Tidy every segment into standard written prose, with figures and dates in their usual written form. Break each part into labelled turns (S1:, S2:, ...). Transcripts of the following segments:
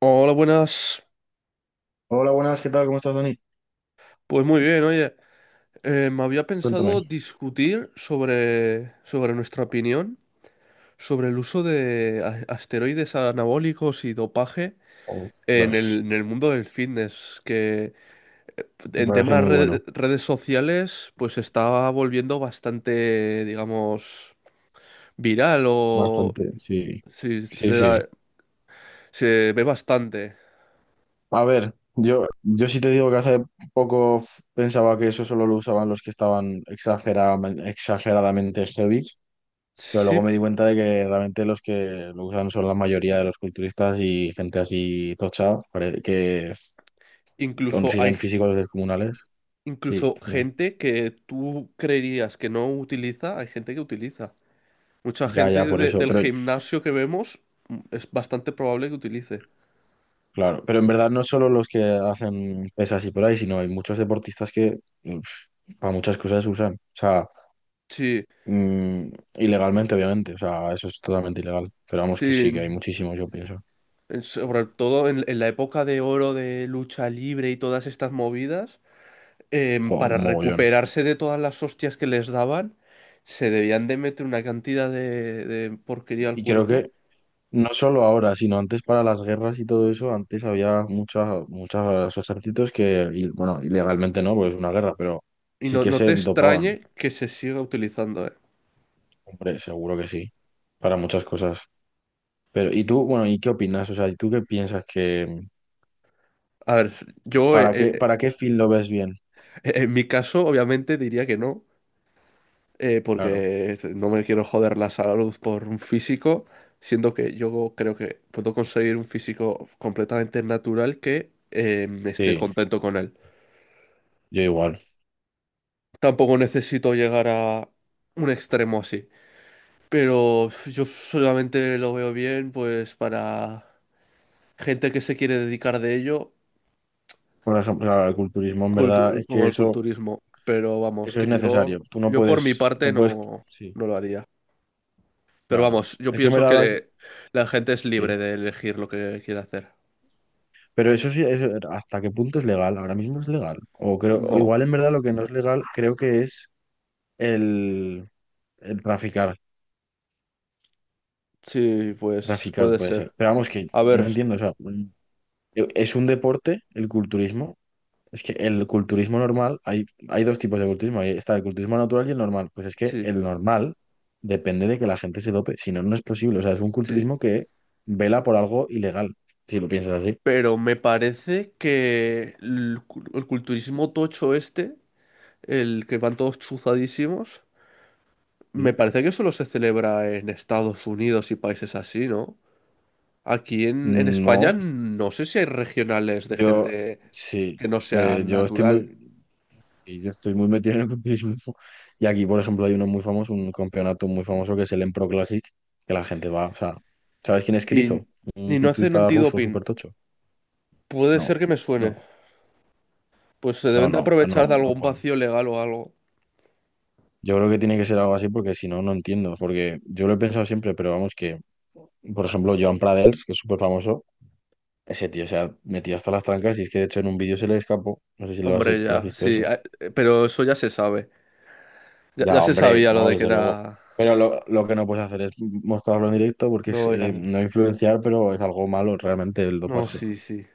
S1: Hola, buenas.
S2: Hola, buenas, ¿qué tal? ¿Cómo estás, Dani?
S1: Pues muy bien, oye. Me había pensado
S2: Cuéntame.
S1: discutir sobre nuestra opinión sobre el uso de asteroides anabólicos y dopaje en el,
S2: Ostras,
S1: en el mundo del fitness, que
S2: me
S1: en
S2: parece
S1: temas
S2: muy bueno.
S1: de redes sociales pues se está volviendo bastante, digamos, viral o
S2: Bastante, sí.
S1: sí,
S2: Sí, sí.
S1: se ve bastante.
S2: A ver, yo sí te digo que hace poco pensaba que eso solo lo usaban los que estaban exageradamente, exageradamente heavy, pero luego
S1: Sí,
S2: me di cuenta de que realmente los que lo usan son la mayoría de los culturistas y gente así tocha,
S1: incluso hay,
S2: consiguen físicos descomunales. Sí,
S1: incluso
S2: dime.
S1: gente que tú creerías que no utiliza, hay gente que utiliza. Mucha
S2: Ya, ya,
S1: gente
S2: por eso.
S1: del
S2: Pero
S1: gimnasio que vemos es bastante probable que utilice.
S2: claro, pero en verdad no solo los que hacen pesas y por ahí, sino hay muchos deportistas que uf, para muchas cosas usan. O sea,
S1: Sí,
S2: mm, ilegalmente, obviamente. O sea, eso es totalmente ilegal. Pero vamos que
S1: sí,
S2: sí, que hay muchísimos, yo pienso.
S1: sobre todo en la época de oro de lucha libre y todas estas movidas,
S2: Jo, un
S1: para
S2: mogollón.
S1: recuperarse de todas las hostias que les daban, se debían de meter una cantidad de porquería al
S2: Y creo
S1: cuerpo.
S2: que no solo ahora, sino antes para las guerras y todo eso, antes había muchos ejércitos que, y, bueno, ilegalmente no, porque es una guerra, pero
S1: Y
S2: sí
S1: no,
S2: que
S1: no te
S2: se dopaban.
S1: extrañe que se siga utilizando, ¿eh?
S2: Hombre, seguro que sí. Para muchas cosas. Pero ¿y tú, bueno, y qué opinas? O sea, ¿y tú qué piensas que
S1: A ver, yo, eh, eh,
S2: Para qué fin lo ves bien?
S1: En mi caso, obviamente, diría que no,
S2: Claro,
S1: porque no me quiero joder la salud por un físico, siendo que yo creo que puedo conseguir un físico completamente natural que esté
S2: sí,
S1: contento con él.
S2: yo igual.
S1: Tampoco necesito llegar a un extremo así, pero yo solamente lo veo bien, pues, para gente que se quiere dedicar de ello,
S2: Por ejemplo, claro, el culturismo en verdad es
S1: como
S2: que
S1: el
S2: eso,
S1: culturismo. Pero vamos,
S2: eso es
S1: que yo,
S2: necesario. Tú no
S1: yo por mi
S2: puedes,
S1: parte
S2: no puedes,
S1: no,
S2: sí,
S1: no lo haría. Pero
S2: claro.
S1: vamos, yo
S2: Es que en
S1: pienso
S2: verdad ahora
S1: que la gente es libre
S2: sí.
S1: de elegir lo que quiere hacer.
S2: Pero eso sí, eso, ¿hasta qué punto es legal? Ahora mismo es legal. O creo, o
S1: No,
S2: igual en verdad lo que no es legal creo que es el, el traficar.
S1: sí, pues
S2: Traficar
S1: puede
S2: puede ser.
S1: ser.
S2: Pero vamos que
S1: A
S2: yo no
S1: ver,
S2: entiendo, o sea, es un deporte el culturismo. Es que el culturismo normal, hay dos tipos de culturismo. Ahí está el culturismo natural y el normal. Pues es que
S1: sí,
S2: el normal depende de que la gente se dope, si no, no es posible. O sea, es un
S1: sí.
S2: culturismo que vela por algo ilegal, si lo piensas así.
S1: Pero me parece que el culturismo tocho este, el que van todos chuzadísimos, me
S2: Sí.
S1: parece que solo se celebra en Estados Unidos y países así, ¿no? Aquí en España
S2: No,
S1: no sé si hay regionales de
S2: yo
S1: gente
S2: sí,
S1: que no sea
S2: yo estoy
S1: natural.
S2: muy, sí, yo estoy muy metido en el culturismo. Y aquí, por ejemplo, hay uno muy famoso, un campeonato muy famoso que es el Empro Classic, que la gente va, o sea, ¿sabes quién es
S1: Y,
S2: Krizo? Un
S1: y no hacen
S2: culturista ruso súper
S1: antidoping.
S2: tocho.
S1: Puede ser
S2: No,
S1: que me suene.
S2: no,
S1: Pues se
S2: no,
S1: deben de
S2: no,
S1: aprovechar
S2: no,
S1: de
S2: no,
S1: algún
S2: puedo, no.
S1: vacío legal o algo.
S2: Yo creo que tiene que ser algo así porque si no, no entiendo. Porque yo lo he pensado siempre, pero vamos que, por ejemplo, Joan Pradels, que es súper famoso, ese tío se ha metido hasta las trancas y es que de hecho en un vídeo se le escapó. No sé si lo has,
S1: Hombre,
S2: lo has
S1: ya,
S2: visto
S1: sí,
S2: eso.
S1: pero eso ya se sabe. Ya,
S2: Ya,
S1: ya se
S2: hombre,
S1: sabía lo
S2: no,
S1: de que
S2: desde luego. Pero lo que no puedes hacer es mostrarlo en directo porque es
S1: Era...
S2: no influenciar, pero es algo malo realmente el
S1: No,
S2: doparse.
S1: sí, sí.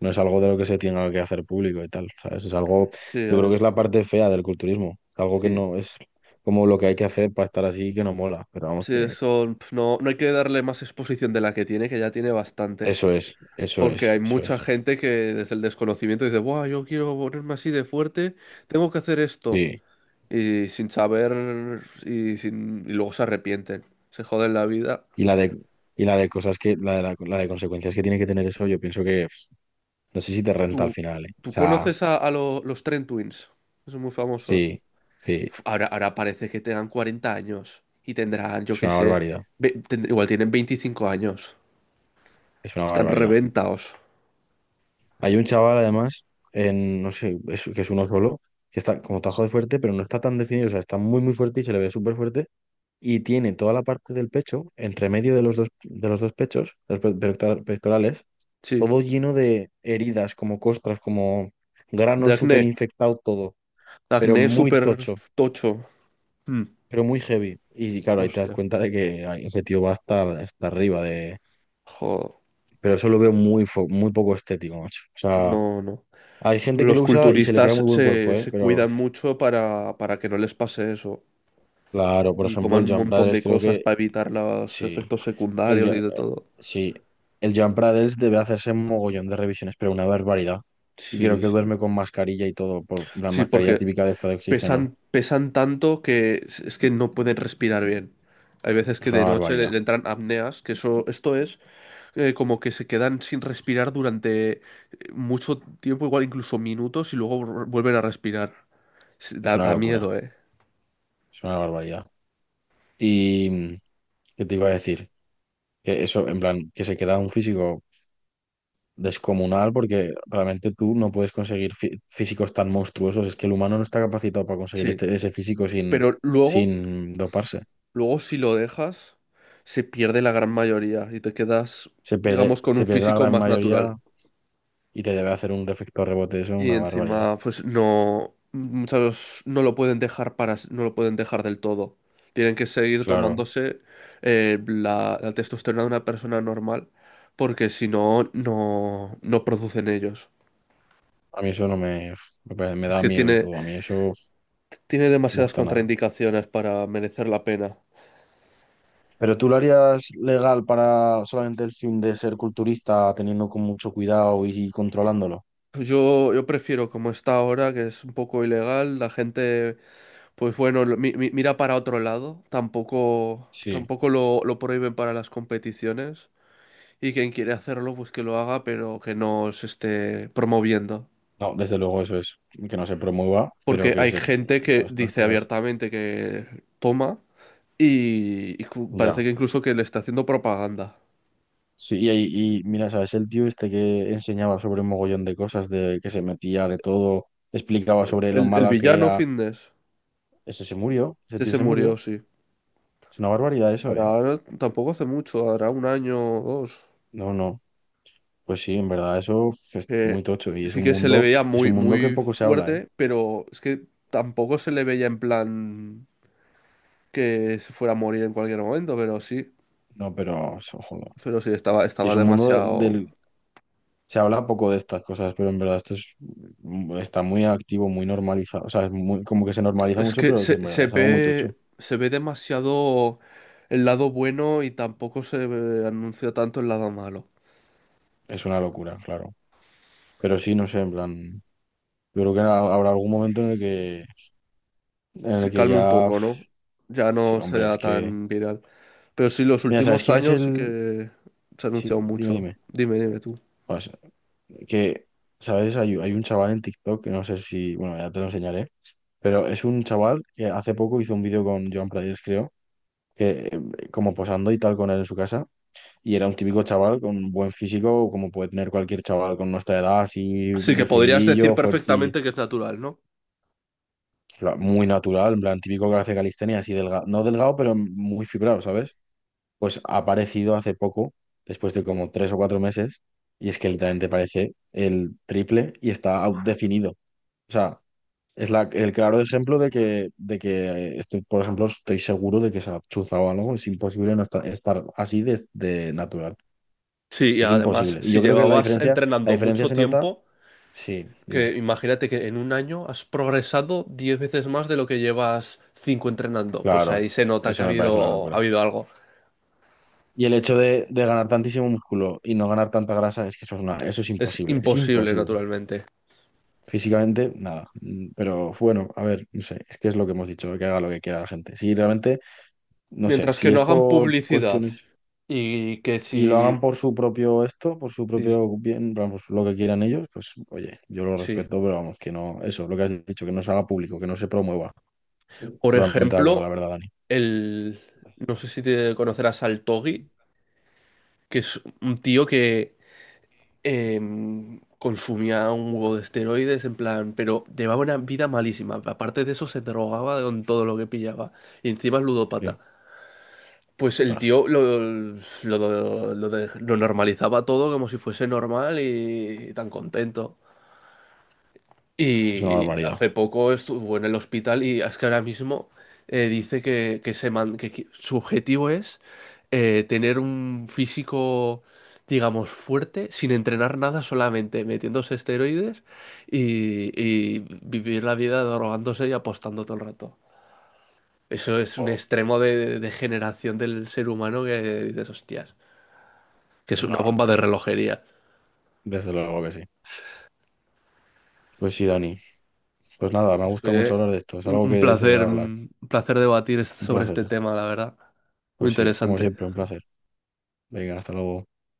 S2: No es algo de lo que se tenga que hacer público y tal, ¿sabes? Es algo,
S1: Sí,
S2: yo creo que es la parte fea del culturismo. Algo que
S1: sí.
S2: no es como lo que hay que hacer para estar así que no mola, pero vamos
S1: Sí,
S2: que...
S1: eso... pf, no, no hay que darle más exposición de la que tiene, que ya tiene bastante.
S2: Eso es, eso
S1: Porque
S2: es,
S1: hay
S2: eso
S1: mucha
S2: es.
S1: gente que desde el desconocimiento dice, ¡buah, yo quiero ponerme así de fuerte, tengo que hacer esto!
S2: Sí.
S1: Y sin saber... Y, sin... y luego se arrepienten. Se joden la vida.
S2: Y la de, y la de cosas que, la de, la de consecuencias que tiene que tener eso, yo pienso que pf, no sé si te renta al
S1: ¿Tú,
S2: final, ¿eh? O
S1: tú
S2: sea,
S1: conoces a, los Trent Twins? Que son muy famosos.
S2: sí, sí,
S1: Uf, ahora, ahora parece que tengan 40 años y tendrán, yo
S2: es
S1: qué
S2: una
S1: sé,
S2: barbaridad,
S1: igual tienen 25 años.
S2: es una
S1: Están
S2: barbaridad.
S1: reventados.
S2: Hay un chaval además, en, no sé, que es uno solo, que está como tajo de fuerte, pero no está tan definido, o sea, está muy, muy fuerte y se le ve súper fuerte y tiene toda la parte del pecho, entre medio de los dos pechos, pectorales
S1: Sí,
S2: todo lleno de heridas, como costras, como
S1: de
S2: granos súper
S1: acné.
S2: infectado todo, pero
S1: Acné
S2: muy
S1: súper
S2: tocho,
S1: tocho. Mm,
S2: pero muy heavy. Y claro, ahí te das
S1: hostia.
S2: cuenta de que ay, ese tío va hasta, hasta arriba de...
S1: Joder.
S2: Pero eso lo veo muy, muy poco estético, macho. O sea,
S1: No, no.
S2: hay gente que
S1: Los
S2: lo usa y se le queda
S1: culturistas
S2: muy buen cuerpo,
S1: se,
S2: ¿eh?
S1: se
S2: Pero
S1: cuidan mucho para que no les pase eso.
S2: claro, por
S1: Y
S2: ejemplo,
S1: toman
S2: el
S1: un
S2: Jump
S1: montón
S2: Brothers
S1: de
S2: creo
S1: cosas
S2: que
S1: para evitar los
S2: sí.
S1: efectos
S2: El,
S1: secundarios y de todo.
S2: Sí. El Jump Brothers debe hacerse mogollón de revisiones, pero una barbaridad. Y creo
S1: Sí,
S2: que
S1: sí.
S2: duerme con mascarilla y todo, por la
S1: Sí,
S2: mascarilla
S1: porque
S2: típica de estado de oxígeno.
S1: pesan, pesan tanto que es que no pueden respirar bien. Hay veces que
S2: Es una
S1: de noche le,
S2: barbaridad,
S1: le entran apneas, que eso, esto es como que se quedan sin respirar durante mucho tiempo, igual incluso minutos, y luego vuelven a respirar. Sí,
S2: es
S1: da,
S2: una
S1: da
S2: locura,
S1: miedo, ¿eh?
S2: es una barbaridad. Y mm, qué te iba a decir, que eso, en plan, que se queda un físico descomunal porque realmente tú no puedes conseguir físicos tan monstruosos. Es que el humano no está capacitado para conseguir
S1: Sí.
S2: este, ese físico sin,
S1: Pero luego,
S2: sin doparse.
S1: luego si lo dejas, se pierde la gran mayoría y te quedas, digamos, con
S2: Se
S1: un
S2: pierde la
S1: físico
S2: gran
S1: más natural.
S2: mayoría y te debe hacer un efecto rebote, eso es
S1: Y
S2: una barbaridad.
S1: encima, pues no, muchos no lo pueden dejar para, no lo pueden dejar del todo. Tienen que seguir
S2: Claro,
S1: tomándose la, la testosterona de una persona normal, porque si no, no, no producen ellos.
S2: a mí eso no me, me
S1: Es
S2: da
S1: que
S2: miedo y
S1: tiene,
S2: todo, a mí eso no
S1: tiene
S2: me
S1: demasiadas
S2: gusta nada.
S1: contraindicaciones para merecer la pena.
S2: Pero tú lo harías legal para solamente el fin de ser culturista, teniendo con mucho cuidado y controlándolo.
S1: Yo prefiero, como está ahora, que es un poco ilegal, la gente, pues bueno, mira para otro lado. Tampoco,
S2: Sí,
S1: tampoco lo, lo prohíben para las competiciones. Y quien quiere hacerlo, pues que lo haga, pero que no se esté promoviendo.
S2: no, desde luego eso es, que no se promueva, pero
S1: Porque
S2: que
S1: hay
S2: se...
S1: gente que
S2: pues, estas
S1: dice
S2: cosas.
S1: abiertamente que toma y, parece
S2: Ya.
S1: que incluso que le está haciendo propaganda.
S2: Sí, y, y mira, ¿sabes? El tío este que enseñaba sobre un mogollón de cosas, de que se metía de todo, explicaba sobre lo
S1: El
S2: mala que
S1: villano
S2: era,
S1: Fitness,
S2: ese se murió, ese
S1: que
S2: tío
S1: se
S2: se
S1: murió,
S2: murió.
S1: sí.
S2: Es una barbaridad eso, ¿eh?
S1: Ahora tampoco hace mucho, hará un año o dos.
S2: No, no. Pues sí, en verdad, eso es
S1: Que
S2: muy tocho y
S1: sí que se le veía
S2: es
S1: muy,
S2: un mundo que
S1: muy
S2: poco se habla, ¿eh?
S1: fuerte, pero es que tampoco se le veía en plan que se fuera a morir en cualquier momento, pero sí.
S2: No, pero, ojo, no.
S1: Pero sí, estaba,
S2: Y
S1: estaba
S2: es un mundo
S1: demasiado.
S2: del... Se habla poco de estas cosas, pero en verdad esto es, mm, está muy activo, muy normalizado. O sea, es muy, como que se normaliza
S1: Es
S2: mucho,
S1: que
S2: pero que en verdad es algo muy tocho.
S1: se ve demasiado el lado bueno y tampoco anuncia tanto el lado malo.
S2: Es una locura, claro. Pero sí, no sé, en plan... Yo creo que habrá algún momento en el
S1: Se
S2: que
S1: calma un
S2: ya...
S1: poco, ¿no? Ya
S2: Sí,
S1: no
S2: hombre,
S1: sea
S2: es que...
S1: tan viral. Pero sí, los
S2: Mira, ¿sabes
S1: últimos
S2: quién es
S1: años sí
S2: el...?
S1: que se ha
S2: Sí,
S1: anunciado
S2: dime,
S1: mucho.
S2: dime.
S1: Dime, dime tú.
S2: Pues, que, ¿sabes? Hay un chaval en TikTok, que no sé si... Bueno, ya te lo enseñaré. Pero es un chaval que hace poco hizo un vídeo con Joan Players, creo, que como posando y tal con él en su casa. Y era un típico chaval con un buen físico, como puede tener cualquier chaval con nuestra edad, así
S1: Sí que podrías decir
S2: definidillo, fuerte,
S1: perfectamente que es natural, ¿no?
S2: muy natural, en plan típico que hace calistenia, así delgado, no delgado, pero muy fibrado, ¿sabes? Pues ha aparecido hace poco, después de como tres o cuatro meses, y es que literalmente parece el triple y está definido. O sea, es la, el claro ejemplo de que estoy, por ejemplo, estoy seguro de que se ha chuzado algo, es imposible no estar, estar así de natural.
S1: Sí, y
S2: Es
S1: además,
S2: imposible. Y
S1: si
S2: yo creo que
S1: llevabas
S2: la
S1: entrenando
S2: diferencia
S1: mucho
S2: se nota.
S1: tiempo,
S2: Sí,
S1: que
S2: dime.
S1: imagínate que en un año has progresado 10 veces más de lo que llevas 5 entrenando, pues
S2: Claro,
S1: ahí se nota que
S2: eso me parece una
S1: ha
S2: locura.
S1: habido algo.
S2: Y el hecho de ganar tantísimo músculo y no ganar tanta grasa es que eso es una, eso es
S1: Es
S2: imposible, es
S1: imposible,
S2: imposible.
S1: naturalmente.
S2: Físicamente, nada. Mm, pero bueno, a ver, no sé, es que es lo que hemos dicho, que haga lo que quiera la gente. Si realmente, no sé,
S1: Mientras que
S2: si es
S1: no hagan
S2: por
S1: publicidad
S2: cuestiones
S1: y que
S2: y lo hagan
S1: si...
S2: por su propio esto, por su
S1: Sí,
S2: propio bien, vamos, lo que quieran ellos, pues oye, yo lo
S1: sí.
S2: respeto, pero vamos, que no, eso, lo que has dicho, que no se haga público, que no se promueva.
S1: Por
S2: Totalmente de acuerdo, la
S1: ejemplo,
S2: verdad, Dani.
S1: el... No sé si te conocerás al Togi, que es un tío que consumía un huevo de esteroides, en plan, pero llevaba una vida malísima. Aparte de eso, se drogaba con todo lo que pillaba. Y encima es
S2: Sí.
S1: ludópata. Pues el
S2: Ostras,
S1: tío lo normalizaba todo como si fuese normal y tan contento.
S2: es una
S1: Y
S2: barbaridad.
S1: hace poco estuvo en el hospital y es que ahora mismo dice que se man- que qui- su objetivo es tener un físico, digamos, fuerte, sin entrenar nada, solamente metiéndose esteroides y vivir la vida drogándose y apostando todo el rato. Eso es un
S2: Jo,
S1: extremo de degeneración del ser humano que dices, hostias, que es
S2: es una
S1: una bomba de
S2: barbaridad.
S1: relojería.
S2: Desde luego que sí. Pues sí, Dani. Pues nada, me gusta mucho
S1: Fue
S2: hablar de esto. Es algo que se debe hablar.
S1: un placer debatir
S2: Un
S1: sobre
S2: placer.
S1: este tema, la verdad. Muy
S2: Pues sí, como siempre,
S1: interesante.
S2: un placer. Venga, hasta luego.